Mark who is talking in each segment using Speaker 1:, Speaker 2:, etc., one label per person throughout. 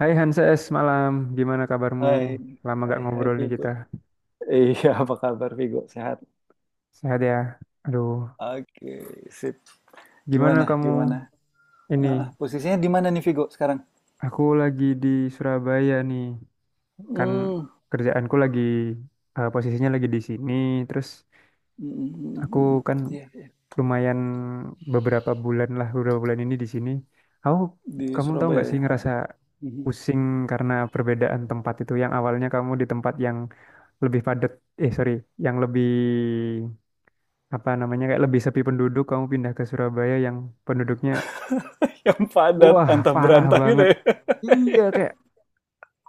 Speaker 1: Hai Hanses, malam. Gimana kabarmu?
Speaker 2: Hai,
Speaker 1: Lama gak
Speaker 2: hai, hai
Speaker 1: ngobrol nih
Speaker 2: Vigo.
Speaker 1: kita.
Speaker 2: Iya, apa kabar Vigo? Sehat?
Speaker 1: Sehat ya? Aduh,
Speaker 2: Oke, sip.
Speaker 1: gimana
Speaker 2: Gimana,
Speaker 1: kamu?
Speaker 2: gimana? Ah, ah,
Speaker 1: Ini,
Speaker 2: posisinya di mana nih Vigo sekarang?
Speaker 1: aku lagi di Surabaya nih. Kan
Speaker 2: Hmm,
Speaker 1: kerjaanku lagi, posisinya lagi di sini. Terus
Speaker 2: mm, mm,
Speaker 1: aku
Speaker 2: mm, mm.
Speaker 1: kan
Speaker 2: Iya, iya.
Speaker 1: lumayan beberapa bulan lah, beberapa bulan ini di sini. Aku,
Speaker 2: Di
Speaker 1: kamu tahu
Speaker 2: Surabaya,
Speaker 1: nggak
Speaker 2: ya?
Speaker 1: sih
Speaker 2: Ah,
Speaker 1: ngerasa
Speaker 2: mhm.
Speaker 1: pusing karena perbedaan tempat itu. Yang awalnya kamu di tempat yang lebih padat, eh sorry, yang lebih apa namanya kayak lebih sepi penduduk, kamu pindah ke Surabaya yang penduduknya
Speaker 2: Yang padat,
Speaker 1: wah
Speaker 2: antah
Speaker 1: parah
Speaker 2: berantah gitu
Speaker 1: banget.
Speaker 2: ya.
Speaker 1: Iya kayak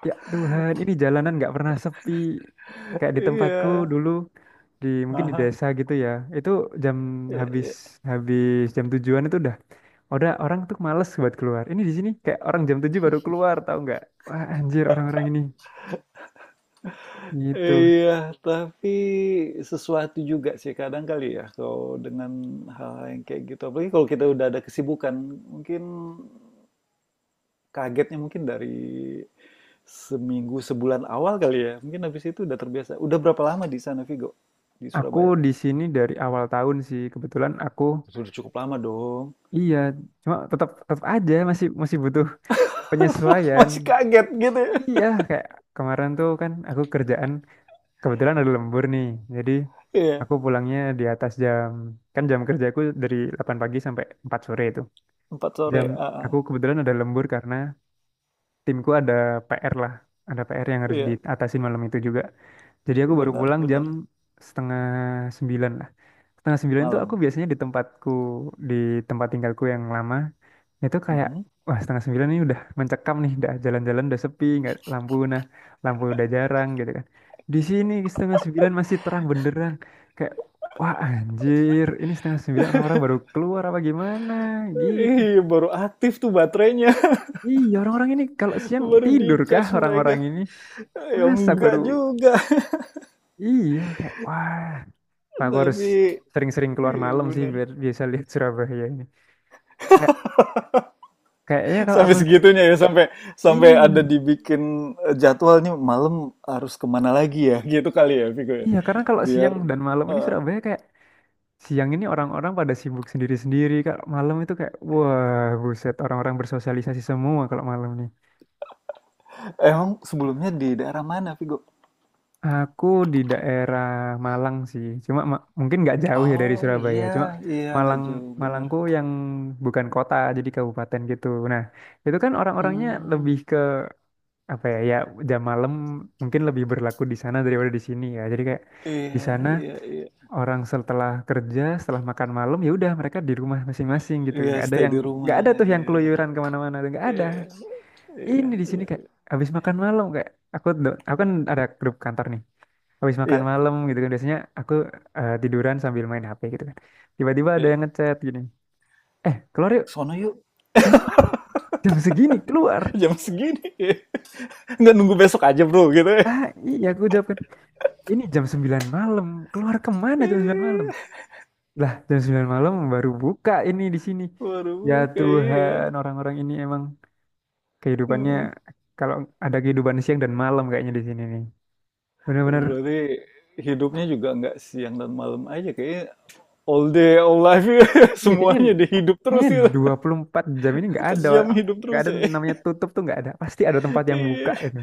Speaker 1: ya Tuhan, ini jalanan nggak pernah sepi. Kayak di tempatku
Speaker 2: Iya.
Speaker 1: dulu di mungkin di
Speaker 2: Aha.
Speaker 1: desa gitu ya, itu jam
Speaker 2: Iya,
Speaker 1: habis
Speaker 2: iya.
Speaker 1: habis jam tujuan itu udah orang tuh males buat keluar. Ini di sini kayak orang jam 7 baru keluar, tahu nggak, wah anjir orang-orang ini gitu.
Speaker 2: Iya, tapi sesuatu juga sih kadang kali ya kalau dengan hal-hal yang kayak gitu. Apalagi kalau kita udah ada kesibukan, mungkin kagetnya mungkin dari seminggu, sebulan awal kali ya. Mungkin habis itu udah terbiasa. Udah berapa lama di sana, Vigo? Di
Speaker 1: Aku
Speaker 2: Surabaya?
Speaker 1: di sini dari awal tahun sih kebetulan aku.
Speaker 2: Sudah cukup lama dong.
Speaker 1: Iya, cuma tetap tetap aja masih masih butuh penyesuaian.
Speaker 2: Masih kaget gitu ya.
Speaker 1: Iya kayak kemarin tuh kan aku kerjaan kebetulan ada lembur nih, jadi
Speaker 2: Iya,
Speaker 1: aku pulangnya di atas jam, kan jam kerjaku dari 8 pagi sampai 4 sore itu
Speaker 2: empat sore,
Speaker 1: jam,
Speaker 2: ah, ah.
Speaker 1: aku kebetulan ada lembur karena timku ada PR lah, ada PR yang harus
Speaker 2: Iya,
Speaker 1: diatasin malam itu juga. Jadi aku baru
Speaker 2: benar,
Speaker 1: pulang jam
Speaker 2: benar.
Speaker 1: setengah sembilan lah. Setengah sembilan itu aku
Speaker 2: Malam.
Speaker 1: biasanya di tempatku di tempat tinggalku yang lama itu kayak,
Speaker 2: Mhm.
Speaker 1: wah setengah sembilan ini udah mencekam nih, udah jalan-jalan udah sepi, nggak lampu, nah lampu udah jarang gitu kan. Di sini setengah sembilan masih terang benderang, kayak wah anjir, ini setengah sembilan orang-orang baru keluar apa gimana gitu.
Speaker 2: Ih, baru aktif tuh baterainya.
Speaker 1: Iya, orang-orang ini kalau siang
Speaker 2: Baru
Speaker 1: tidur
Speaker 2: di
Speaker 1: kah
Speaker 2: charge
Speaker 1: orang-orang
Speaker 2: mereka.
Speaker 1: ini?
Speaker 2: Ya
Speaker 1: Masa
Speaker 2: enggak
Speaker 1: baru,
Speaker 2: juga.
Speaker 1: iya kayak wah. Nah, aku harus
Speaker 2: Tapi,
Speaker 1: sering-sering keluar
Speaker 2: iya
Speaker 1: malam sih
Speaker 2: benar.
Speaker 1: biar bisa lihat Surabaya ini kayak kayaknya kalau
Speaker 2: Sampai
Speaker 1: aku,
Speaker 2: segitunya ya, sampai sampai
Speaker 1: iya
Speaker 2: ada dibikin jadwal nih malam harus kemana lagi ya, gitu kali ya, Vigo ya.
Speaker 1: iya karena kalau
Speaker 2: Biar
Speaker 1: siang dan malam ini
Speaker 2: eh,
Speaker 1: Surabaya kayak, siang ini orang-orang pada sibuk sendiri-sendiri. Kalau malam itu kayak, wah buset, orang-orang bersosialisasi semua kalau malam nih.
Speaker 2: emang sebelumnya di daerah mana, Vigo?
Speaker 1: Aku di daerah Malang sih, cuma mungkin nggak jauh ya dari
Speaker 2: Oh
Speaker 1: Surabaya.
Speaker 2: iya,
Speaker 1: Cuma
Speaker 2: iya nggak
Speaker 1: Malang,
Speaker 2: jauh bener.
Speaker 1: Malangku yang bukan kota, jadi kabupaten gitu. Nah, itu kan orang-orangnya lebih
Speaker 2: Hmm,
Speaker 1: ke apa ya? Ya jam malam mungkin lebih berlaku di sana daripada di sini ya. Jadi kayak di
Speaker 2: iya,
Speaker 1: sana
Speaker 2: iya, iya,
Speaker 1: orang setelah kerja, setelah makan malam ya udah, mereka di rumah masing-masing gitu.
Speaker 2: iya
Speaker 1: Nggak ada
Speaker 2: stay
Speaker 1: yang,
Speaker 2: di
Speaker 1: nggak
Speaker 2: rumah,
Speaker 1: ada tuh yang
Speaker 2: iya,
Speaker 1: keluyuran kemana-mana, tuh nggak ada.
Speaker 2: iya,
Speaker 1: Ini di sini
Speaker 2: iya,
Speaker 1: kayak
Speaker 2: iya,
Speaker 1: habis makan malam kayak, aku kan ada grup kantor nih. Habis makan
Speaker 2: iya,
Speaker 1: malam gitu kan biasanya aku tiduran sambil main HP gitu kan. Tiba-tiba ada
Speaker 2: iya.
Speaker 1: yang ngechat gini. Eh, keluar yuk.
Speaker 2: Sono yuk,
Speaker 1: Keluar, jam segini keluar.
Speaker 2: jam segini. Iya. Nggak nunggu besok aja bro, gitu, ya.
Speaker 1: Ah, iya aku jawab kan. Ini jam 9 malam. Keluar kemana jam 9 malam?
Speaker 2: Iya,
Speaker 1: Lah, jam 9 malam baru buka ini di sini. Ya
Speaker 2: waduh,
Speaker 1: Tuhan,
Speaker 2: kayaknya
Speaker 1: orang-orang ini emang kehidupannya,
Speaker 2: ya.
Speaker 1: kalau ada kehidupan siang dan malam kayaknya di sini nih. Bener-bener
Speaker 2: Berarti hidupnya juga nggak siang dan malam aja kayaknya all day all life ya.
Speaker 1: ya kayaknya,
Speaker 2: Semuanya dihidup terus
Speaker 1: kayaknya
Speaker 2: ya.
Speaker 1: 24 jam ini nggak
Speaker 2: Empat
Speaker 1: ada,
Speaker 2: jam hidup
Speaker 1: nggak
Speaker 2: terus
Speaker 1: ada
Speaker 2: ya.
Speaker 1: namanya tutup tuh, nggak ada. Pasti ada tempat yang buka
Speaker 2: Iya
Speaker 1: itu.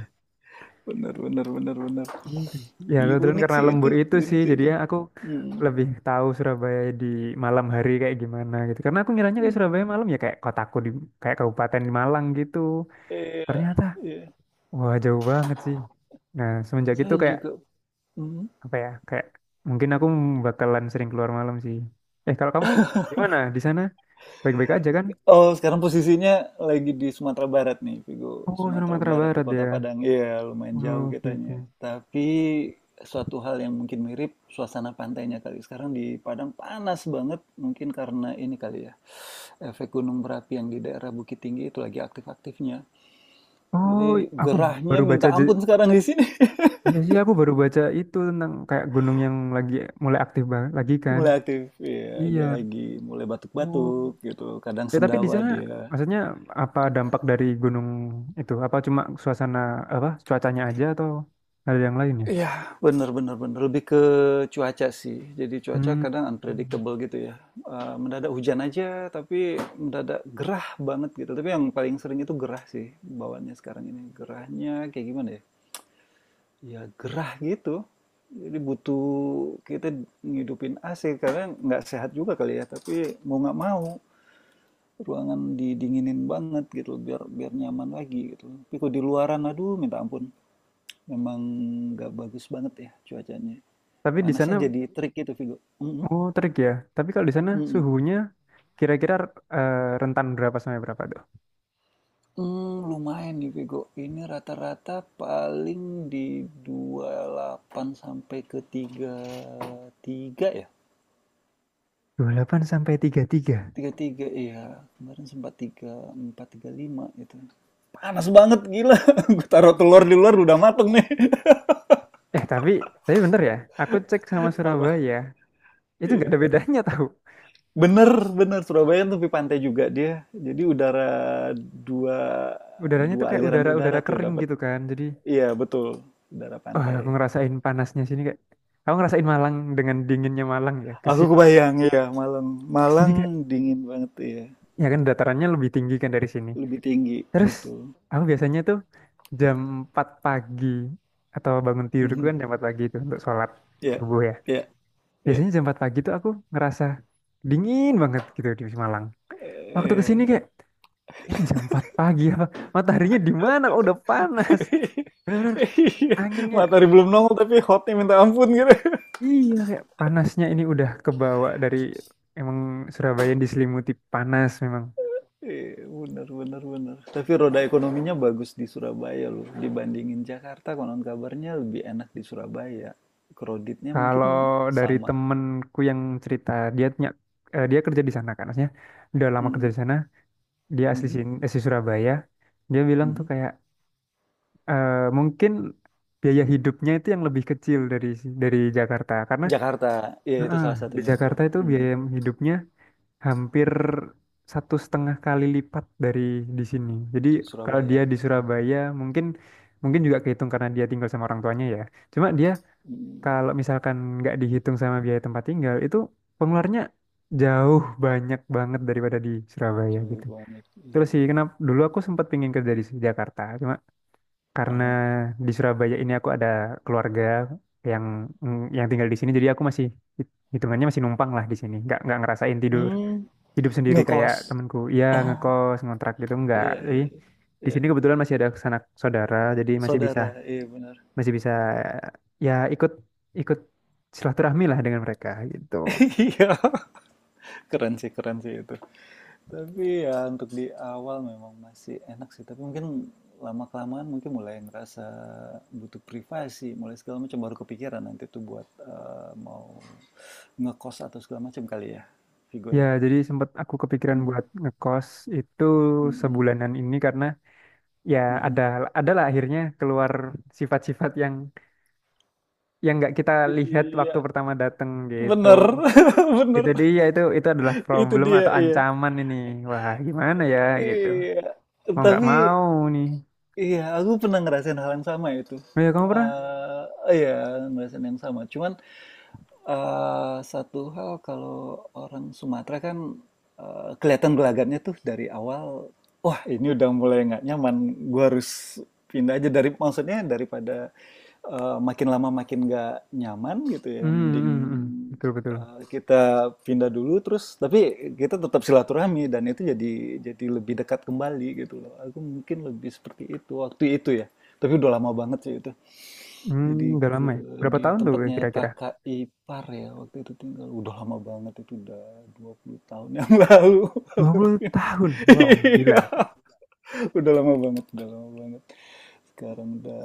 Speaker 2: bener bener bener bener.
Speaker 1: Gitu. Ya
Speaker 2: Ya,
Speaker 1: kebetulan
Speaker 2: unik
Speaker 1: karena
Speaker 2: sih itu,
Speaker 1: lembur itu
Speaker 2: unik
Speaker 1: sih
Speaker 2: sih itu.
Speaker 1: jadinya aku
Speaker 2: Hmm.
Speaker 1: lebih tahu Surabaya di malam hari kayak gimana gitu. Karena aku ngiranya kayak Surabaya
Speaker 2: Hmm.
Speaker 1: malam ya kayak kotaku di kayak kabupaten di Malang gitu.
Speaker 2: Iya
Speaker 1: Ternyata,
Speaker 2: iya
Speaker 1: wah jauh banget sih. Nah, semenjak itu
Speaker 2: saya
Speaker 1: kayak
Speaker 2: juga. Hmm.
Speaker 1: apa ya? Kayak mungkin aku bakalan sering keluar malam sih. Eh, kalau kamu gimana di sana? Baik-baik aja kan?
Speaker 2: Oh, sekarang posisinya lagi di Sumatera Barat nih, Vigo.
Speaker 1: Oh,
Speaker 2: Sumatera
Speaker 1: Sumatera
Speaker 2: Barat di
Speaker 1: Barat
Speaker 2: Kota
Speaker 1: ya.
Speaker 2: Padang. Iya, lumayan jauh
Speaker 1: Oh, oke oke.
Speaker 2: kitanya. Tapi suatu hal yang mungkin mirip suasana pantainya kali. Sekarang di Padang panas banget, mungkin karena ini kali ya. Efek gunung berapi yang di daerah Bukit Tinggi itu lagi aktif-aktifnya. Jadi
Speaker 1: Oh, aku
Speaker 2: gerahnya
Speaker 1: baru baca
Speaker 2: minta
Speaker 1: je-
Speaker 2: ampun sekarang di sini.
Speaker 1: iya sih, aku baru baca itu tentang kayak gunung yang lagi mulai aktif banget lagi kan.
Speaker 2: Mulai aktif, ya
Speaker 1: Iya.
Speaker 2: dia lagi mulai
Speaker 1: Oh.
Speaker 2: batuk-batuk gitu. Kadang
Speaker 1: Ya tapi di
Speaker 2: sendawa
Speaker 1: sana
Speaker 2: dia.
Speaker 1: maksudnya apa dampak dari gunung itu? Apa cuma suasana, apa cuacanya aja atau ada yang lain ya?
Speaker 2: Iya, bener bener bener, lebih ke cuaca sih. Jadi cuaca
Speaker 1: Hmm.
Speaker 2: kadang unpredictable gitu ya. Mendadak hujan aja, tapi mendadak gerah banget gitu. Tapi yang paling sering itu gerah sih bawaannya sekarang ini. Gerahnya kayak gimana ya? Ya gerah gitu. Jadi butuh kita ngidupin AC karena nggak sehat juga kali ya. Tapi mau nggak mau ruangan didinginin banget gitu biar biar nyaman lagi gitu. Tapi kalau di luaran aduh minta ampun. Memang nggak bagus banget ya cuacanya.
Speaker 1: Tapi di sana,
Speaker 2: Panasnya jadi trik gitu, Vigo. Mhm,
Speaker 1: oh terik ya. Tapi kalau di sana
Speaker 2: mhm.
Speaker 1: suhunya kira-kira rentan berapa sampai berapa tuh?
Speaker 2: Lumayan nih, Vigo. Ini rata-rata paling di 28 sampai ke 33 ya?
Speaker 1: Dua puluh delapan sampai tiga puluh tiga.
Speaker 2: 33 ya. Kemarin sempat tiga empat tiga lima gitu. Panas banget, gila. Gue taruh telur di luar udah mateng nih.
Speaker 1: Eh tapi bentar ya. Aku cek sama
Speaker 2: Apa?
Speaker 1: Surabaya, itu nggak
Speaker 2: Iya.
Speaker 1: ada bedanya tahu.
Speaker 2: Bener bener, Surabaya kan tepi pantai juga dia. Jadi udara dua
Speaker 1: Udaranya
Speaker 2: dua
Speaker 1: tuh kayak
Speaker 2: aliran
Speaker 1: udara-udara
Speaker 2: udara tuh
Speaker 1: kering
Speaker 2: dapat.
Speaker 1: gitu kan. Jadi,
Speaker 2: Iya, betul. Udara
Speaker 1: wah aku
Speaker 2: pantai.
Speaker 1: ngerasain panasnya sini kayak, aku ngerasain Malang dengan dinginnya Malang ya.
Speaker 2: Aku
Speaker 1: Kesini kesini
Speaker 2: kebayang, ya Malang.
Speaker 1: ke
Speaker 2: Malang
Speaker 1: kayak,
Speaker 2: dingin banget, ya.
Speaker 1: ya kan datarannya lebih tinggi kan dari sini.
Speaker 2: Lebih tinggi,
Speaker 1: Terus
Speaker 2: betul.
Speaker 1: aku biasanya tuh jam 4 pagi, atau bangun tidurku
Speaker 2: Mhm.
Speaker 1: kan jam 4 pagi itu untuk sholat
Speaker 2: Ya, ya,
Speaker 1: subuh ya.
Speaker 2: iya. Iya.
Speaker 1: Biasanya jam 4 pagi tuh aku ngerasa dingin banget gitu di Malang. Waktu ke
Speaker 2: Iya.
Speaker 1: sini kayak, ini jam 4 pagi apa? Mataharinya di mana? Kok udah panas. Bener-bener anginnya,
Speaker 2: Matahari belum nongol tapi hotnya minta ampun gitu.
Speaker 1: iya kayak panasnya ini udah kebawa dari emang Surabaya yang diselimuti panas memang.
Speaker 2: Iya, bener, bener, bener. Tapi roda ekonominya bagus di Surabaya loh. Dibandingin Jakarta, konon kabarnya lebih enak di Surabaya. Kreditnya
Speaker 1: Kalau
Speaker 2: mungkin
Speaker 1: dari
Speaker 2: sama.
Speaker 1: temenku yang cerita, dia punya- eh, dia kerja di sana kan, maksudnya udah lama kerja di
Speaker 2: Mhm,
Speaker 1: sana, dia asli
Speaker 2: mhm,
Speaker 1: sini asli Surabaya, dia bilang tuh
Speaker 2: mhm.
Speaker 1: kayak mungkin biaya hidupnya itu yang lebih kecil dari dari Jakarta karena
Speaker 2: Jakarta, ya itu
Speaker 1: eh,
Speaker 2: salah
Speaker 1: di
Speaker 2: satunya betul.
Speaker 1: Jakarta itu
Speaker 2: Mhm.
Speaker 1: biaya hidupnya hampir satu setengah kali lipat dari di sini. Jadi kalau dia
Speaker 2: Surabaya,
Speaker 1: di
Speaker 2: bener.
Speaker 1: Surabaya, mungkin mungkin juga kehitung karena dia tinggal sama orang tuanya ya, cuma dia
Speaker 2: Mhm.
Speaker 1: kalau misalkan nggak dihitung sama biaya tempat tinggal itu, pengeluarannya jauh banyak banget daripada di Surabaya
Speaker 2: Cewek
Speaker 1: gitu.
Speaker 2: banyak.
Speaker 1: Terus
Speaker 2: Iya.
Speaker 1: sih, kenapa dulu aku sempat pingin kerja di Jakarta, cuma karena
Speaker 2: Aha.
Speaker 1: di Surabaya ini aku ada keluarga yang, mm, yang tinggal di sini, jadi aku masih hitungannya masih numpang lah di sini, nggak ngerasain tidur
Speaker 2: Hmm,
Speaker 1: hidup sendiri kayak
Speaker 2: ngekos.
Speaker 1: temanku, iya
Speaker 2: Ah,
Speaker 1: ngekos ngontrak gitu nggak.
Speaker 2: iya,
Speaker 1: Jadi
Speaker 2: iya,
Speaker 1: di
Speaker 2: iya.
Speaker 1: sini kebetulan masih ada sanak saudara, jadi masih bisa,
Speaker 2: Saudara, iya benar.
Speaker 1: masih bisa ya ikut ikut silaturahmi lah dengan mereka gitu.
Speaker 2: Iya, keren sih itu. Tapi ya untuk di awal memang masih enak sih. Tapi mungkin lama-kelamaan mungkin mulai ngerasa butuh privasi, mulai segala macam baru kepikiran nanti tuh buat mau ngekos atau segala macam kali ya, Vigo
Speaker 1: Ya,
Speaker 2: ya.
Speaker 1: jadi sempat aku kepikiran buat
Speaker 2: Mm,
Speaker 1: ngekos itu
Speaker 2: mm, mm,
Speaker 1: sebulanan ini karena ya
Speaker 2: mhm.
Speaker 1: ada, adalah akhirnya keluar sifat-sifat yang nggak kita lihat waktu
Speaker 2: Iya,
Speaker 1: pertama datang gitu.
Speaker 2: bener, bener.
Speaker 1: Itu dia, itu adalah
Speaker 2: Itu
Speaker 1: problem
Speaker 2: dia,
Speaker 1: atau
Speaker 2: iya.
Speaker 1: ancaman ini. Wah, gimana ya gitu.
Speaker 2: Iya,
Speaker 1: Mau nggak
Speaker 2: tapi
Speaker 1: mau nih.
Speaker 2: iya aku pernah ngerasain hal yang sama itu.
Speaker 1: Oh ya kamu pernah?
Speaker 2: Iya ngerasain yang sama, cuman. Eh, satu hal kalau orang Sumatera kan kelihatan gelagatnya tuh dari awal, wah ini udah mulai nggak nyaman, gua harus pindah aja dari maksudnya daripada makin lama makin nggak nyaman gitu ya,
Speaker 1: Hmm,
Speaker 2: mending
Speaker 1: hmm, hmm. Betul betul.
Speaker 2: kita pindah dulu terus tapi kita tetap silaturahmi dan itu jadi lebih dekat kembali gitu loh. Aku mungkin lebih seperti itu waktu itu ya, tapi udah lama banget sih itu. Jadi
Speaker 1: Hmm, udah
Speaker 2: ke
Speaker 1: lama ya. Berapa
Speaker 2: di
Speaker 1: tahun tuh
Speaker 2: tempatnya
Speaker 1: kira-kira?
Speaker 2: kakak ipar ya, waktu itu tinggal. Udah lama banget itu, udah 20 tahun yang lalu.
Speaker 1: Dua puluh tahun. Wow,
Speaker 2: Iya,
Speaker 1: gila sih.
Speaker 2: udah lama banget, udah lama banget. Sekarang udah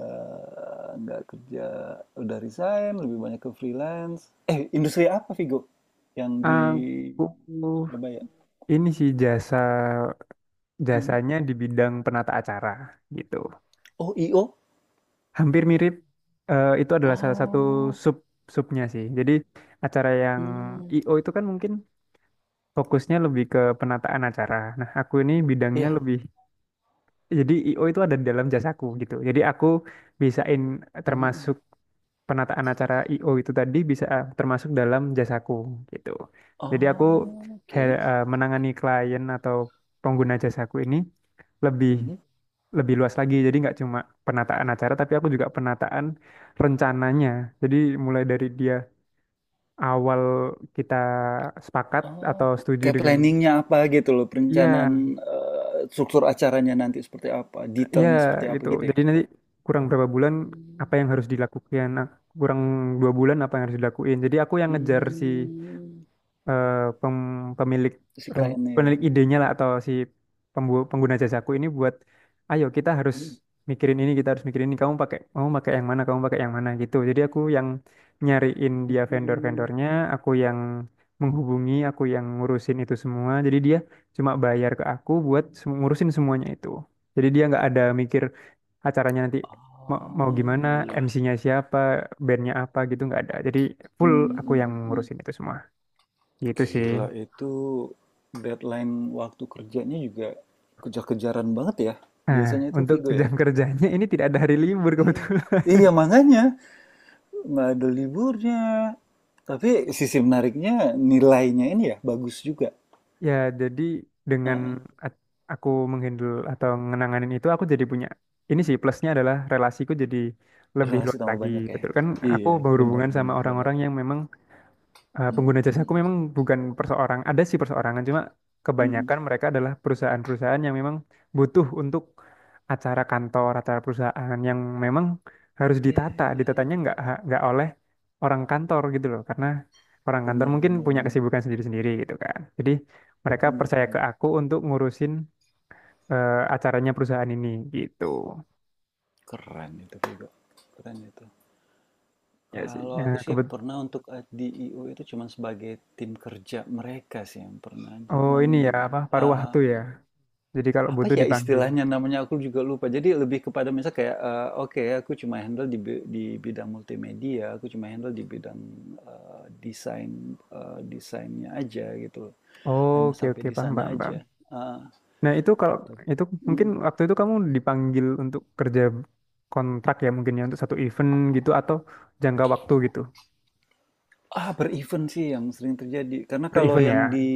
Speaker 2: nggak kerja, udah resign, lebih banyak ke freelance. Eh, industri apa Vigo? Yang di
Speaker 1: Aku
Speaker 2: Surabaya?
Speaker 1: ini sih jasa,
Speaker 2: Hmm.
Speaker 1: jasanya di bidang penata acara gitu.
Speaker 2: Oh, IO?
Speaker 1: Hampir mirip, eh, itu adalah salah satu
Speaker 2: Oh,
Speaker 1: sub, subnya sih. Jadi acara yang
Speaker 2: hmm.
Speaker 1: IO itu kan mungkin fokusnya lebih ke penataan acara. Nah, aku ini bidangnya
Speaker 2: Iya.
Speaker 1: lebih, jadi IO itu ada di dalam jasaku gitu. Jadi aku bisain
Speaker 2: Hmm, hmm, hmm.
Speaker 1: termasuk penataan acara IO itu tadi bisa, eh, termasuk dalam jasaku gitu. Jadi aku
Speaker 2: Oh, oke.
Speaker 1: eh, menangani klien atau pengguna jasaku ini lebih,
Speaker 2: Mhm.
Speaker 1: lebih luas lagi. Jadi nggak cuma penataan acara, tapi aku juga penataan rencananya. Jadi mulai dari dia awal kita sepakat
Speaker 2: Oh,
Speaker 1: atau setuju
Speaker 2: kayak
Speaker 1: dengan,
Speaker 2: planningnya apa gitu loh, perencanaan
Speaker 1: iya,
Speaker 2: struktur acaranya nanti seperti apa,
Speaker 1: iya
Speaker 2: detailnya seperti apa
Speaker 1: gitu.
Speaker 2: gitu ya?
Speaker 1: Jadi nanti kurang berapa bulan apa
Speaker 2: Hmm.
Speaker 1: yang harus dilakukan, nah, kurang dua bulan apa yang harus dilakuin. Jadi aku yang ngejar si
Speaker 2: Hmm.
Speaker 1: eh, pemilik,
Speaker 2: Si kliennya, ya.
Speaker 1: pemilik idenya lah atau si pengguna jasaku ini buat, ayo kita harus
Speaker 2: Hmm.
Speaker 1: mikirin ini, kita harus mikirin ini, kamu pakai, yang mana, kamu pakai yang mana gitu. Jadi aku yang nyariin dia
Speaker 2: Hmm.
Speaker 1: vendor-vendornya, aku yang menghubungi, aku yang ngurusin itu semua. Jadi dia cuma bayar ke aku buat ngurusin semuanya itu, jadi dia nggak ada mikir acaranya nanti mau, mau
Speaker 2: Oh
Speaker 1: gimana,
Speaker 2: iya.
Speaker 1: MC-nya siapa, bandnya apa gitu, nggak ada. Jadi full
Speaker 2: Hmm,
Speaker 1: aku yang
Speaker 2: hmm, hmm, hmm.
Speaker 1: ngurusin itu semua gitu sih.
Speaker 2: Gila itu deadline waktu kerjanya juga kejar-kejaran banget ya.
Speaker 1: Nah,
Speaker 2: Biasanya itu
Speaker 1: untuk
Speaker 2: Vigo ya.
Speaker 1: jam kerjanya ini tidak ada hari libur
Speaker 2: Iya.
Speaker 1: kebetulan.
Speaker 2: Iya makanya nggak ada liburnya. Tapi sisi menariknya nilainya ini ya bagus juga.
Speaker 1: Ya, jadi dengan
Speaker 2: Heeh,
Speaker 1: at- aku menghandle atau mengenanganin itu, aku jadi punya ini sih, plusnya adalah relasiku jadi lebih
Speaker 2: berrelasi
Speaker 1: luas
Speaker 2: tambah
Speaker 1: lagi.
Speaker 2: banyak ya?
Speaker 1: Betul kan? Aku
Speaker 2: Iya, benar
Speaker 1: berhubungan sama
Speaker 2: benar bener.
Speaker 1: orang-orang yang memang, eh, pengguna
Speaker 2: Mhm,
Speaker 1: jasa aku
Speaker 2: mhm,
Speaker 1: memang bukan perseorang, ada sih perseorangan, cuma
Speaker 2: mhm.
Speaker 1: kebanyakan mereka adalah perusahaan-perusahaan yang memang butuh untuk acara kantor, acara perusahaan yang memang harus
Speaker 2: Iya
Speaker 1: ditata.
Speaker 2: iya
Speaker 1: Ditatanya
Speaker 2: iya.
Speaker 1: nggak oleh orang kantor gitu loh, karena orang kantor
Speaker 2: Benar
Speaker 1: mungkin
Speaker 2: benar
Speaker 1: punya
Speaker 2: benar
Speaker 1: kesibukan sendiri-sendiri gitu kan. Jadi mereka
Speaker 2: benar
Speaker 1: percaya ke
Speaker 2: bener.
Speaker 1: aku untuk ngurusin, eh, acaranya perusahaan ini gitu.
Speaker 2: Keren itu juga, keren itu.
Speaker 1: Ya sih.
Speaker 2: Kalau
Speaker 1: Nah,
Speaker 2: aku sih
Speaker 1: kebet,
Speaker 2: pernah untuk di IO itu cuman sebagai tim kerja mereka sih yang pernah,
Speaker 1: oh
Speaker 2: cuman
Speaker 1: ini ya apa paruh
Speaker 2: heeh.
Speaker 1: waktu ya. Jadi kalau
Speaker 2: Apa
Speaker 1: butuh
Speaker 2: ya
Speaker 1: dipanggil.
Speaker 2: istilahnya namanya aku juga lupa. Jadi lebih kepada misal kayak, oke aku cuma handle di di bidang multimedia, aku cuma handle di bidang, desain, desainnya aja gitu loh. Hanya
Speaker 1: Oke
Speaker 2: sampai
Speaker 1: oke
Speaker 2: di
Speaker 1: paham
Speaker 2: sana
Speaker 1: paham paham.
Speaker 2: aja. Heeh,
Speaker 1: Nah, itu kalau
Speaker 2: tapi
Speaker 1: itu mungkin
Speaker 2: mhm.
Speaker 1: waktu itu kamu dipanggil untuk kerja kontrak ya mungkin ya untuk satu event gitu atau jangka waktu gitu,
Speaker 2: Ah, berevent sih yang sering terjadi. Karena
Speaker 1: per
Speaker 2: kalau
Speaker 1: event
Speaker 2: yang
Speaker 1: ya.
Speaker 2: di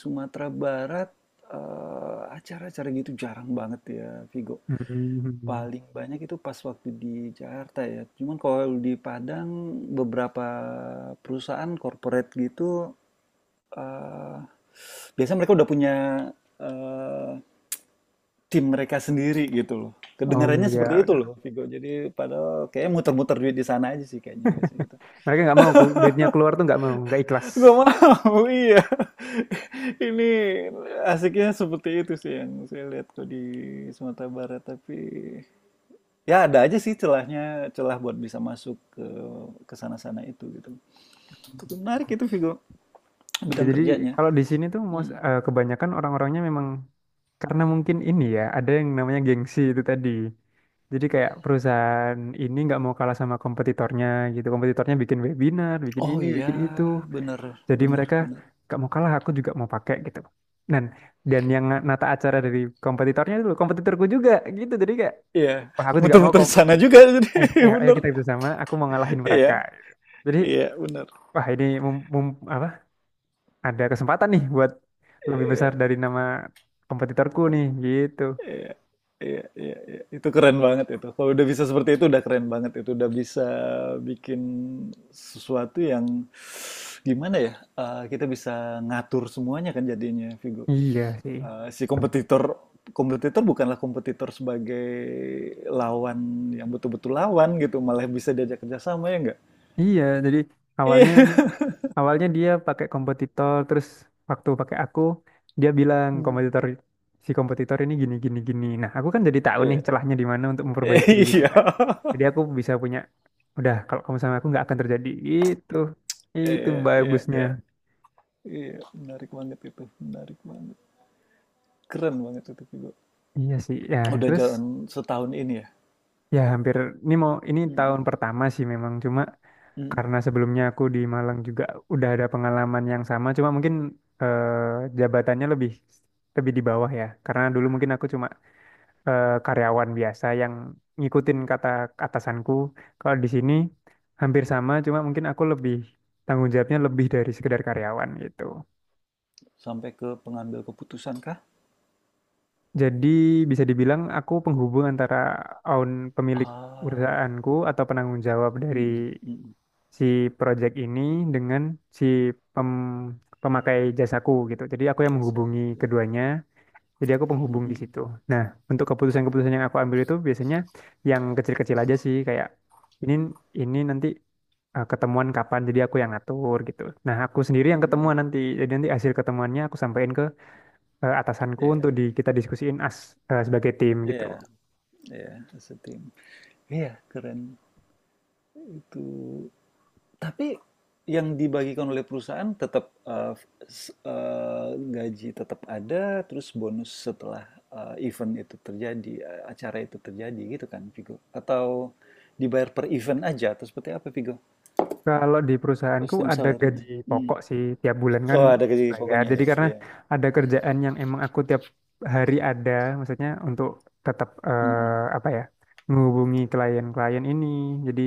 Speaker 2: Sumatera Barat, acara-acara gitu jarang banget ya, Vigo.
Speaker 1: Hmm.
Speaker 2: Paling banyak itu pas waktu di Jakarta ya. Cuman kalau di Padang, beberapa perusahaan corporate gitu, eh, biasanya mereka udah punya eh, tim mereka sendiri gitu loh.
Speaker 1: Oh
Speaker 2: Kedengarannya seperti
Speaker 1: ya,
Speaker 2: itu
Speaker 1: bener.
Speaker 2: loh, Vigo. Jadi padahal kayaknya muter-muter duit di sana aja sih kayaknya biasanya gitu.
Speaker 1: Mereka nggak mau duitnya keluar tuh nggak mau, nggak ikhlas.
Speaker 2: Gak mau, iya. Ini asiknya seperti itu sih yang saya lihat kok di Sumatera Barat. Tapi ya ada aja sih celahnya, celah buat bisa masuk ke sana-sana itu gitu. Tapi menarik itu Vigo,
Speaker 1: Ya,
Speaker 2: bidang
Speaker 1: jadi
Speaker 2: kerjanya.
Speaker 1: kalau di sini tuh
Speaker 2: Hmm.
Speaker 1: eh, kebanyakan orang-orangnya memang, karena mungkin ini ya ada yang namanya gengsi itu tadi. Jadi kayak perusahaan ini nggak mau kalah sama kompetitornya gitu. Kompetitornya bikin webinar, bikin
Speaker 2: Oh
Speaker 1: ini,
Speaker 2: iya,
Speaker 1: bikin itu.
Speaker 2: bener,
Speaker 1: Jadi
Speaker 2: bener,
Speaker 1: mereka
Speaker 2: bener.
Speaker 1: gak mau kalah, aku juga mau pakai gitu. Dan dan yang nata acara dari kompetitornya dulu, kompetitorku juga gitu. Jadi kayak,
Speaker 2: Iya,
Speaker 1: wah aku juga mau,
Speaker 2: muter-muter di sana juga jadi
Speaker 1: ayo, ayo, ayo
Speaker 2: bener.
Speaker 1: kita bersama, aku mau ngalahin mereka.
Speaker 2: Iya,
Speaker 1: Jadi,
Speaker 2: iya bener.
Speaker 1: wah ini apa? Ada kesempatan nih buat lebih besar
Speaker 2: Iya.
Speaker 1: dari nama kompetitorku nih gitu.
Speaker 2: Iya, iya, iya, iya. Itu keren banget itu. Kalau udah bisa seperti itu udah keren banget itu. Udah bisa bikin sesuatu yang gimana ya? Kita bisa ngatur semuanya kan jadinya, Vigo.
Speaker 1: Iya sih.
Speaker 2: Si kompetitor kompetitor bukanlah kompetitor sebagai lawan yang betul-betul lawan gitu, malah bisa diajak kerjasama ya enggak?
Speaker 1: Iya, jadi awalnya
Speaker 2: Iya.
Speaker 1: awalnya dia pakai kompetitor. Terus waktu pakai aku dia bilang
Speaker 2: Hmm.
Speaker 1: si kompetitor ini gini gini gini. Nah, aku kan jadi tahu nih
Speaker 2: Iya,
Speaker 1: celahnya di mana untuk memperbaiki gitu
Speaker 2: iya,
Speaker 1: kan. Jadi aku bisa punya, udah kalau kamu sama aku nggak akan terjadi itu. Itu
Speaker 2: iya, iya,
Speaker 1: bagusnya.
Speaker 2: iya. Iya, menarik banget itu, menarik banget, keren banget itu Vigo.
Speaker 1: Iya sih ya.
Speaker 2: Udah
Speaker 1: Terus
Speaker 2: jalan setahun ini ya?
Speaker 1: ya hampir ini, mau ini tahun
Speaker 2: Mhm,
Speaker 1: pertama sih memang. Cuma
Speaker 2: mhm.
Speaker 1: karena sebelumnya aku di Malang juga udah ada pengalaman yang sama. Cuma mungkin jabatannya lebih lebih di bawah ya, karena dulu mungkin aku cuma karyawan biasa yang ngikutin kata atasanku. Kalau di sini hampir sama, cuma mungkin aku lebih, tanggung jawabnya lebih dari sekedar karyawan gitu.
Speaker 2: Sampai ke pengambil keputusan kah?
Speaker 1: Jadi bisa dibilang aku penghubung antara own, pemilik
Speaker 2: Ah,
Speaker 1: perusahaanku, atau penanggung jawab dari
Speaker 2: mhm, mhm.
Speaker 1: si project ini dengan si pem- pemakai jasaku gitu. Jadi aku yang
Speaker 2: Biasa,
Speaker 1: menghubungi
Speaker 2: iya.
Speaker 1: keduanya. Jadi aku penghubung
Speaker 2: Mhm,
Speaker 1: di situ. Nah, untuk keputusan-keputusan yang aku ambil itu biasanya yang kecil-kecil aja sih, kayak ini ini nanti ketemuan kapan, jadi aku yang ngatur gitu. Nah, aku sendiri yang ketemuan
Speaker 2: mhm.
Speaker 1: nanti. Jadi nanti hasil ketemuannya aku sampaikan ke atasanku untuk
Speaker 2: Iya
Speaker 1: di kita diskusiin as sebagai tim gitu.
Speaker 2: iya iya, as a team. Iya, keren itu. Tapi yang dibagikan oleh perusahaan tetap, eee, gaji tetap ada, terus bonus setelah, event itu terjadi, acara itu terjadi gitu kan, Vigo? Atau dibayar per event aja atau seperti apa, Vigo?
Speaker 1: Kalau di perusahaanku
Speaker 2: Sistem
Speaker 1: ada gaji
Speaker 2: salarinya. Mhm.
Speaker 1: pokok sih tiap bulan kan
Speaker 2: Oh, ada gaji
Speaker 1: bayar.
Speaker 2: pokoknya
Speaker 1: Jadi
Speaker 2: ya?
Speaker 1: karena
Speaker 2: Iya.
Speaker 1: ada kerjaan yang emang aku tiap hari ada, maksudnya untuk tetap
Speaker 2: Mhm.
Speaker 1: apa ya, menghubungi klien-klien ini. Jadi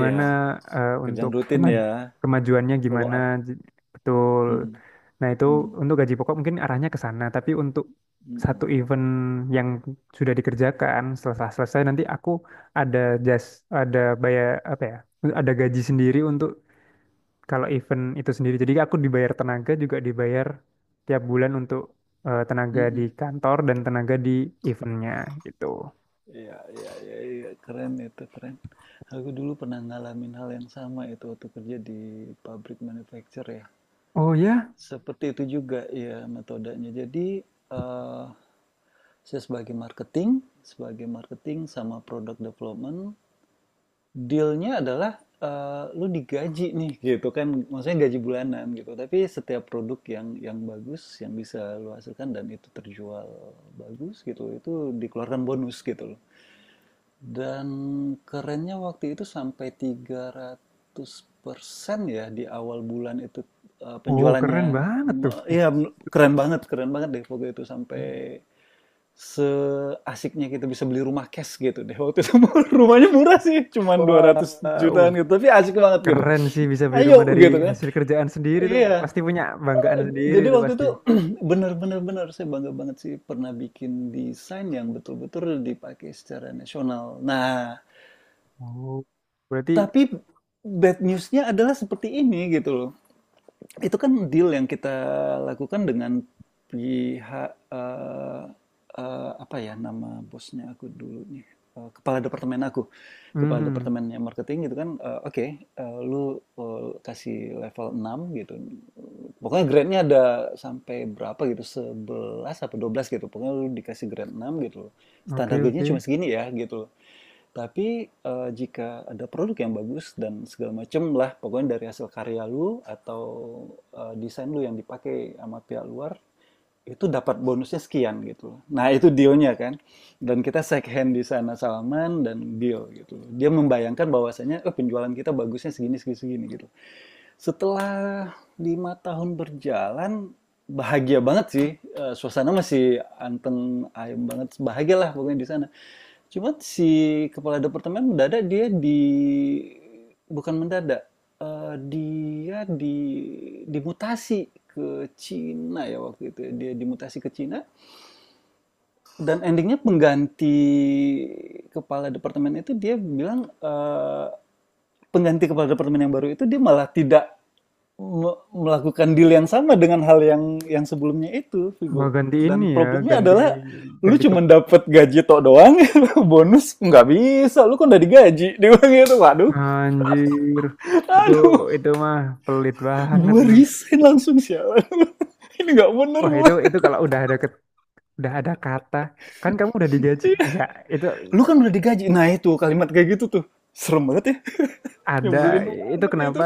Speaker 2: Iya,
Speaker 1: untuk
Speaker 2: kerjaan rutin ya,
Speaker 1: kemajuannya
Speaker 2: follow
Speaker 1: gimana,
Speaker 2: up.
Speaker 1: j- betul.
Speaker 2: Mhm,
Speaker 1: Nah, itu
Speaker 2: mhm,
Speaker 1: untuk gaji pokok mungkin arahnya ke sana, tapi untuk satu
Speaker 2: mhm,
Speaker 1: event yang sudah dikerjakan setelah selesai nanti aku ada jas ada bayar apa ya? Ada gaji sendiri untuk kalau event itu sendiri. Jadi aku dibayar tenaga, juga dibayar tiap bulan untuk tenaga di
Speaker 2: mhm.
Speaker 1: kantor dan tenaga di eventnya gitu.
Speaker 2: Iya iya iya iya, keren itu, keren. Aku dulu pernah ngalamin hal yang sama itu waktu kerja di pabrik manufacture ya.
Speaker 1: Oh ya,
Speaker 2: Seperti itu juga ya metodenya. Jadi, eee, saya sebagai marketing sama product development dealnya adalah, lu digaji nih gitu kan, maksudnya gaji bulanan gitu. Tapi setiap produk yang bagus, yang bisa lu hasilkan dan itu terjual bagus gitu, itu dikeluarkan bonus gitu loh. Dan kerennya waktu itu sampai 300% ya di awal bulan itu,
Speaker 1: oh
Speaker 2: penjualannya.
Speaker 1: keren banget
Speaker 2: Mhm.
Speaker 1: tuh. Ih,
Speaker 2: Iya,
Speaker 1: Mas.
Speaker 2: keren banget deh waktu itu sampai seasiknya kita bisa beli rumah cash gitu deh waktu itu. Rumahnya murah sih cuman 200 jutaan
Speaker 1: Wow,
Speaker 2: gitu tapi asik banget gitu,
Speaker 1: keren sih bisa beli
Speaker 2: ayo
Speaker 1: rumah dari
Speaker 2: gitu kan.
Speaker 1: hasil kerjaan sendiri tuh.
Speaker 2: Iya
Speaker 1: Pasti punya banggaan sendiri
Speaker 2: jadi
Speaker 1: tuh
Speaker 2: waktu
Speaker 1: pasti.
Speaker 2: itu bener-bener bener saya bangga banget sih pernah bikin desain yang betul-betul dipakai secara nasional. Nah,
Speaker 1: Oh, berarti,
Speaker 2: tapi bad newsnya adalah seperti ini gitu loh. Itu kan deal yang kita lakukan dengan pihak apa ya nama bosnya aku dulu nih, kepala departemen aku, kepala
Speaker 1: mhm.
Speaker 2: departemennya marketing gitu kan. Oke, lu kasih level 6 gitu, pokoknya grade-nya ada sampai berapa gitu, 11 apa 12 gitu, pokoknya lu dikasih grade 6 gitu, standar
Speaker 1: Oke
Speaker 2: grade-nya
Speaker 1: oke.
Speaker 2: cuma segini ya gitu. Tapi jika ada produk yang bagus dan segala macem lah pokoknya dari hasil karya lu atau desain lu yang dipakai sama pihak luar itu dapat bonusnya sekian gitu. Nah, itu dealnya kan. Dan kita shake hand di sana Salman dan deal gitu. Dia membayangkan bahwasanya oh, penjualan kita bagusnya segini segini segini gitu. Setelah 5 tahun berjalan bahagia banget sih. Eh, suasana masih anteng ayem banget bahagialah pokoknya di sana. Cuma si kepala departemen mendadak dia di, bukan mendadak, dia di, dimutasi ke Cina ya waktu itu ya, dia dimutasi ke Cina, dan endingnya nya pengganti kepala departemen itu dia bilang, pengganti kepala departemen yang baru itu dia malah tidak melakukan deal yang sama dengan hal yang sebelumnya itu
Speaker 1: Wah
Speaker 2: Vigo.
Speaker 1: ganti ini
Speaker 2: Dan
Speaker 1: ya,
Speaker 2: problemnya
Speaker 1: ganti
Speaker 2: adalah lu
Speaker 1: ganti.
Speaker 2: cuma dapat gaji tok doang. Bonus nggak bisa, lu kan udah digaji, dia bilang gitu. Waduh,
Speaker 1: Anjir, itu
Speaker 2: aduh,
Speaker 1: itu mah pelit banget,
Speaker 2: gua
Speaker 1: Nur.
Speaker 2: resign langsung sialan. Ini nggak bener
Speaker 1: Wah
Speaker 2: gua,
Speaker 1: itu kalau udah ada udah ada kata, kan kamu udah digaji. Enggak, itu
Speaker 2: lu kan udah digaji. Nah itu kalimat kayak gitu tuh serem banget ya.
Speaker 1: ada,
Speaker 2: Nyebelin
Speaker 1: itu
Speaker 2: banget ya itu.
Speaker 1: kenapa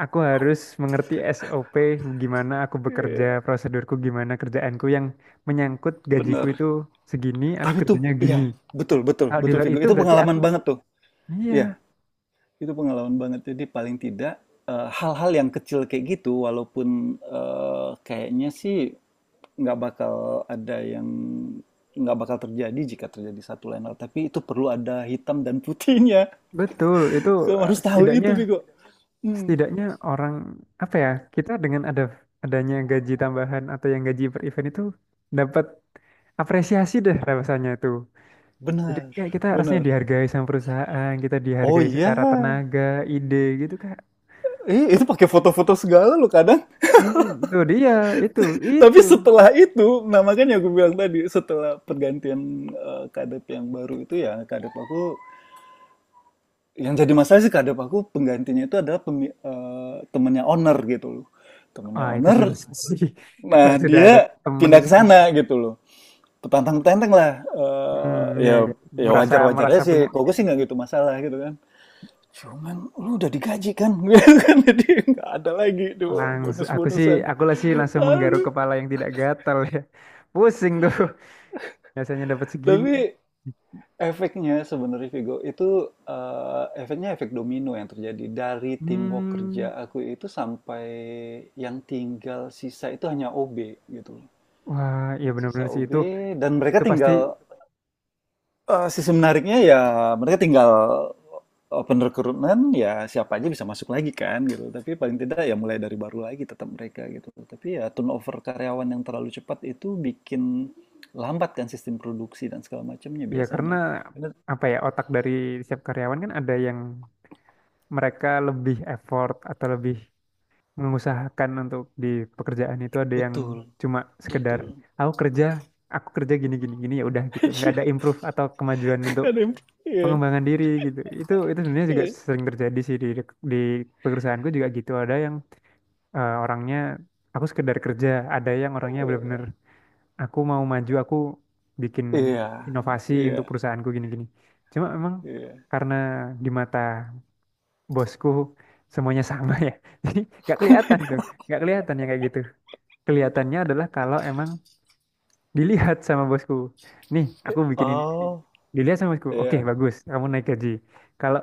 Speaker 1: aku harus mengerti SOP, gimana aku
Speaker 2: Iya
Speaker 1: bekerja,
Speaker 2: yeah,
Speaker 1: prosedurku gimana, kerjaanku yang menyangkut gajiku
Speaker 2: bener.
Speaker 1: itu segini, aku
Speaker 2: Tapi tuh
Speaker 1: kerjanya gini.
Speaker 2: iya, betul betul
Speaker 1: Kalau di
Speaker 2: betul
Speaker 1: luar
Speaker 2: Vigo.
Speaker 1: itu
Speaker 2: Itu
Speaker 1: berarti aku,
Speaker 2: pengalaman banget tuh.
Speaker 1: iya,
Speaker 2: Iya, itu pengalaman banget. Jadi paling tidak hal-hal yang kecil kayak gitu walaupun kayaknya sih nggak bakal ada yang nggak bakal terjadi jika terjadi satu lain hal, tapi itu perlu ada hitam dan putihnya.
Speaker 1: betul. Itu
Speaker 2: Kamu harus tahu
Speaker 1: setidaknya,
Speaker 2: itu, Vigo. Hmm,
Speaker 1: setidaknya orang, apa ya, kita dengan adanya gaji tambahan atau yang gaji per event itu dapat apresiasi deh rasanya itu. Jadi
Speaker 2: benar,
Speaker 1: kayak kita harusnya
Speaker 2: benar.
Speaker 1: dihargai sama perusahaan, kita
Speaker 2: Oh
Speaker 1: dihargai
Speaker 2: iya.
Speaker 1: secara tenaga, ide gitu kayak.
Speaker 2: Eh, itu pakai foto-foto segala lo kadang.
Speaker 1: Hmm, itu dia, itu,
Speaker 2: Tapi
Speaker 1: itu.
Speaker 2: setelah itu, nah makanya gue bilang tadi, setelah pergantian kadep yang baru itu ya, kadep aku, yang jadi masalah sih kadep aku penggantinya itu adalah temennya owner gitu loh. Temennya
Speaker 1: Ah, itu
Speaker 2: owner,
Speaker 1: sudah sih. Kalau
Speaker 2: nah
Speaker 1: sudah ada
Speaker 2: dia pindah ke
Speaker 1: temennya.
Speaker 2: sana gitu loh. Petantang-petantang lah. Eh,
Speaker 1: Hmm, ya,
Speaker 2: ya
Speaker 1: ya.
Speaker 2: ya
Speaker 1: Merasa
Speaker 2: wajar-wajar
Speaker 1: merasa
Speaker 2: aja sih,
Speaker 1: punya
Speaker 2: kok
Speaker 1: ini
Speaker 2: gue sih
Speaker 1: sih.
Speaker 2: nggak gitu masalah gitu kan. Cuman lu udah digaji kan, jadi nggak ada lagi tuh
Speaker 1: Langsung aku sih,
Speaker 2: bonus-bonusan.
Speaker 1: aku lah sih, langsung menggaruk
Speaker 2: Aduh,
Speaker 1: kepala yang tidak gatal ya. Pusing tuh. Biasanya dapat segini.
Speaker 2: tapi efeknya sebenarnya Vigo itu efeknya efek domino yang terjadi dari teamwork kerja
Speaker 1: Hmm,
Speaker 2: aku itu sampai yang tinggal sisa itu hanya OB gitu loh.
Speaker 1: wah, iya
Speaker 2: Yang sisa
Speaker 1: benar-benar sih
Speaker 2: OB
Speaker 1: itu.
Speaker 2: dan mereka
Speaker 1: Itu pasti.
Speaker 2: tinggal sisi menariknya ya mereka tinggal open recruitment ya siapa aja bisa masuk lagi kan gitu. Tapi paling tidak ya mulai dari baru lagi tetap mereka gitu. Tapi ya turnover karyawan yang terlalu cepat itu bikin lambat kan sistem produksi dan segala macamnya
Speaker 1: Ya karena
Speaker 2: biasanya. Bener.
Speaker 1: apa ya, otak dari setiap karyawan kan ada yang mereka lebih effort atau lebih mengusahakan untuk di pekerjaan itu, ada yang
Speaker 2: Betul.
Speaker 1: cuma sekedar
Speaker 2: Betul.
Speaker 1: aku kerja, aku kerja gini gini gini ya udah gitu. Nggak
Speaker 2: Iya,
Speaker 1: ada improve atau kemajuan untuk
Speaker 2: ada yang iya,
Speaker 1: pengembangan diri gitu. Itu sebenarnya juga
Speaker 2: iya,
Speaker 1: sering terjadi sih di di perusahaanku juga gitu. Ada yang orangnya aku sekedar kerja, ada yang orangnya benar-benar
Speaker 2: iya.
Speaker 1: aku mau maju, aku bikin
Speaker 2: Iya,
Speaker 1: inovasi untuk
Speaker 2: iya,
Speaker 1: perusahaanku gini-gini. Cuma emang
Speaker 2: iya.
Speaker 1: karena di mata bosku semuanya sama ya, jadi nggak kelihatan tuh, nggak kelihatan yang kayak gitu. Kelihatannya adalah kalau emang dilihat sama bosku. Nih, aku bikin ini, ini.
Speaker 2: Oh,
Speaker 1: Dilihat sama bosku, oke
Speaker 2: iya.
Speaker 1: bagus, kamu naik gaji. Kalau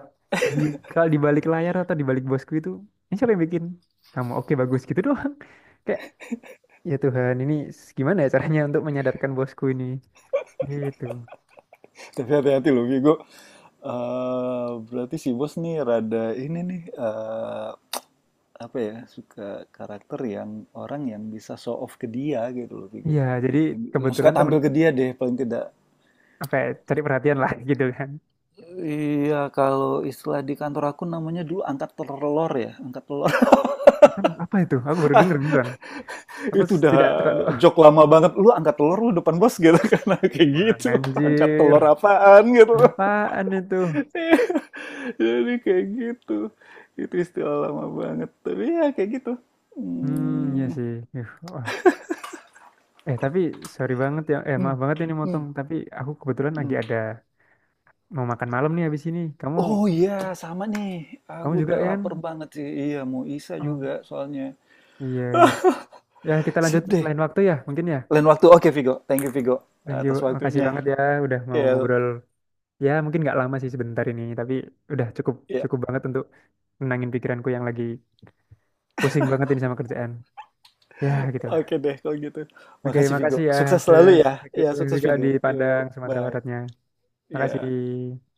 Speaker 1: di, balik layar atau di balik bosku itu, ini siapa yang bikin? Kamu, oke bagus gitu doang. Kayak ya Tuhan, ini gimana ya caranya untuk menyadarkan bosku ini? Gitu.
Speaker 2: Tapi hati-hati loh, Vigo. Berarti si bos nih rada ini nih apa ya suka karakter yang orang yang bisa show off ke dia gitu loh Vigo,
Speaker 1: Iya, jadi
Speaker 2: yang, yang
Speaker 1: kebetulan
Speaker 2: suka
Speaker 1: temen,
Speaker 2: tampil ke dia deh paling tidak.
Speaker 1: apa ya, cari perhatian lah gitu kan.
Speaker 2: Iya kalau istilah di kantor aku namanya dulu angkat telur ya angkat telur.
Speaker 1: Lalu apa itu? Aku baru denger beneran.
Speaker 2: Itu udah
Speaker 1: Tidak terlalu ah,
Speaker 2: joke lama banget lu angkat telur lu depan bos gitu. Karena kayak
Speaker 1: wah,
Speaker 2: gitu angkat
Speaker 1: anjir.
Speaker 2: telur apaan gitu.
Speaker 1: Apaan itu?
Speaker 2: Jadi kayak gitu itu istilah lama banget tapi ya kayak gitu.
Speaker 1: Hmm, ya
Speaker 2: Hmm,
Speaker 1: sih. Ih, wah. Tapi sorry banget ya. Eh, maaf
Speaker 2: hmm,
Speaker 1: banget ini
Speaker 2: hmm,
Speaker 1: motong, tapi aku kebetulan lagi
Speaker 2: hmm.
Speaker 1: ada mau makan malam nih habis ini. Kamu
Speaker 2: Oh iya, sama nih,
Speaker 1: Kamu
Speaker 2: aku
Speaker 1: juga
Speaker 2: udah
Speaker 1: ya kan?
Speaker 2: lapar banget sih, iya mau Isa
Speaker 1: Oh,
Speaker 2: juga soalnya.
Speaker 1: iya, iya. Ya, kita lanjut
Speaker 2: Sip deh,
Speaker 1: lain waktu ya, mungkin ya.
Speaker 2: lain waktu. Oke Vigo, thank you Vigo,
Speaker 1: Thank you.
Speaker 2: atas
Speaker 1: Makasih
Speaker 2: waktunya
Speaker 1: banget ya udah mau
Speaker 2: ya.
Speaker 1: ngobrol. Ya mungkin nggak lama sih sebentar ini, tapi udah cukup,
Speaker 2: Ya.
Speaker 1: cukup banget untuk menangin pikiranku yang lagi pusing banget ini sama kerjaan. Ya gitulah.
Speaker 2: Oke deh kalau gitu.
Speaker 1: Oke,
Speaker 2: Makasih Vigo.
Speaker 1: makasih ya.
Speaker 2: Sukses selalu ya.
Speaker 1: Sukses
Speaker 2: Ya, sukses
Speaker 1: juga di
Speaker 2: Vigo.
Speaker 1: Padang,
Speaker 2: Yuk,
Speaker 1: Sumatera
Speaker 2: bye.
Speaker 1: Baratnya.
Speaker 2: Ya.
Speaker 1: Makasih.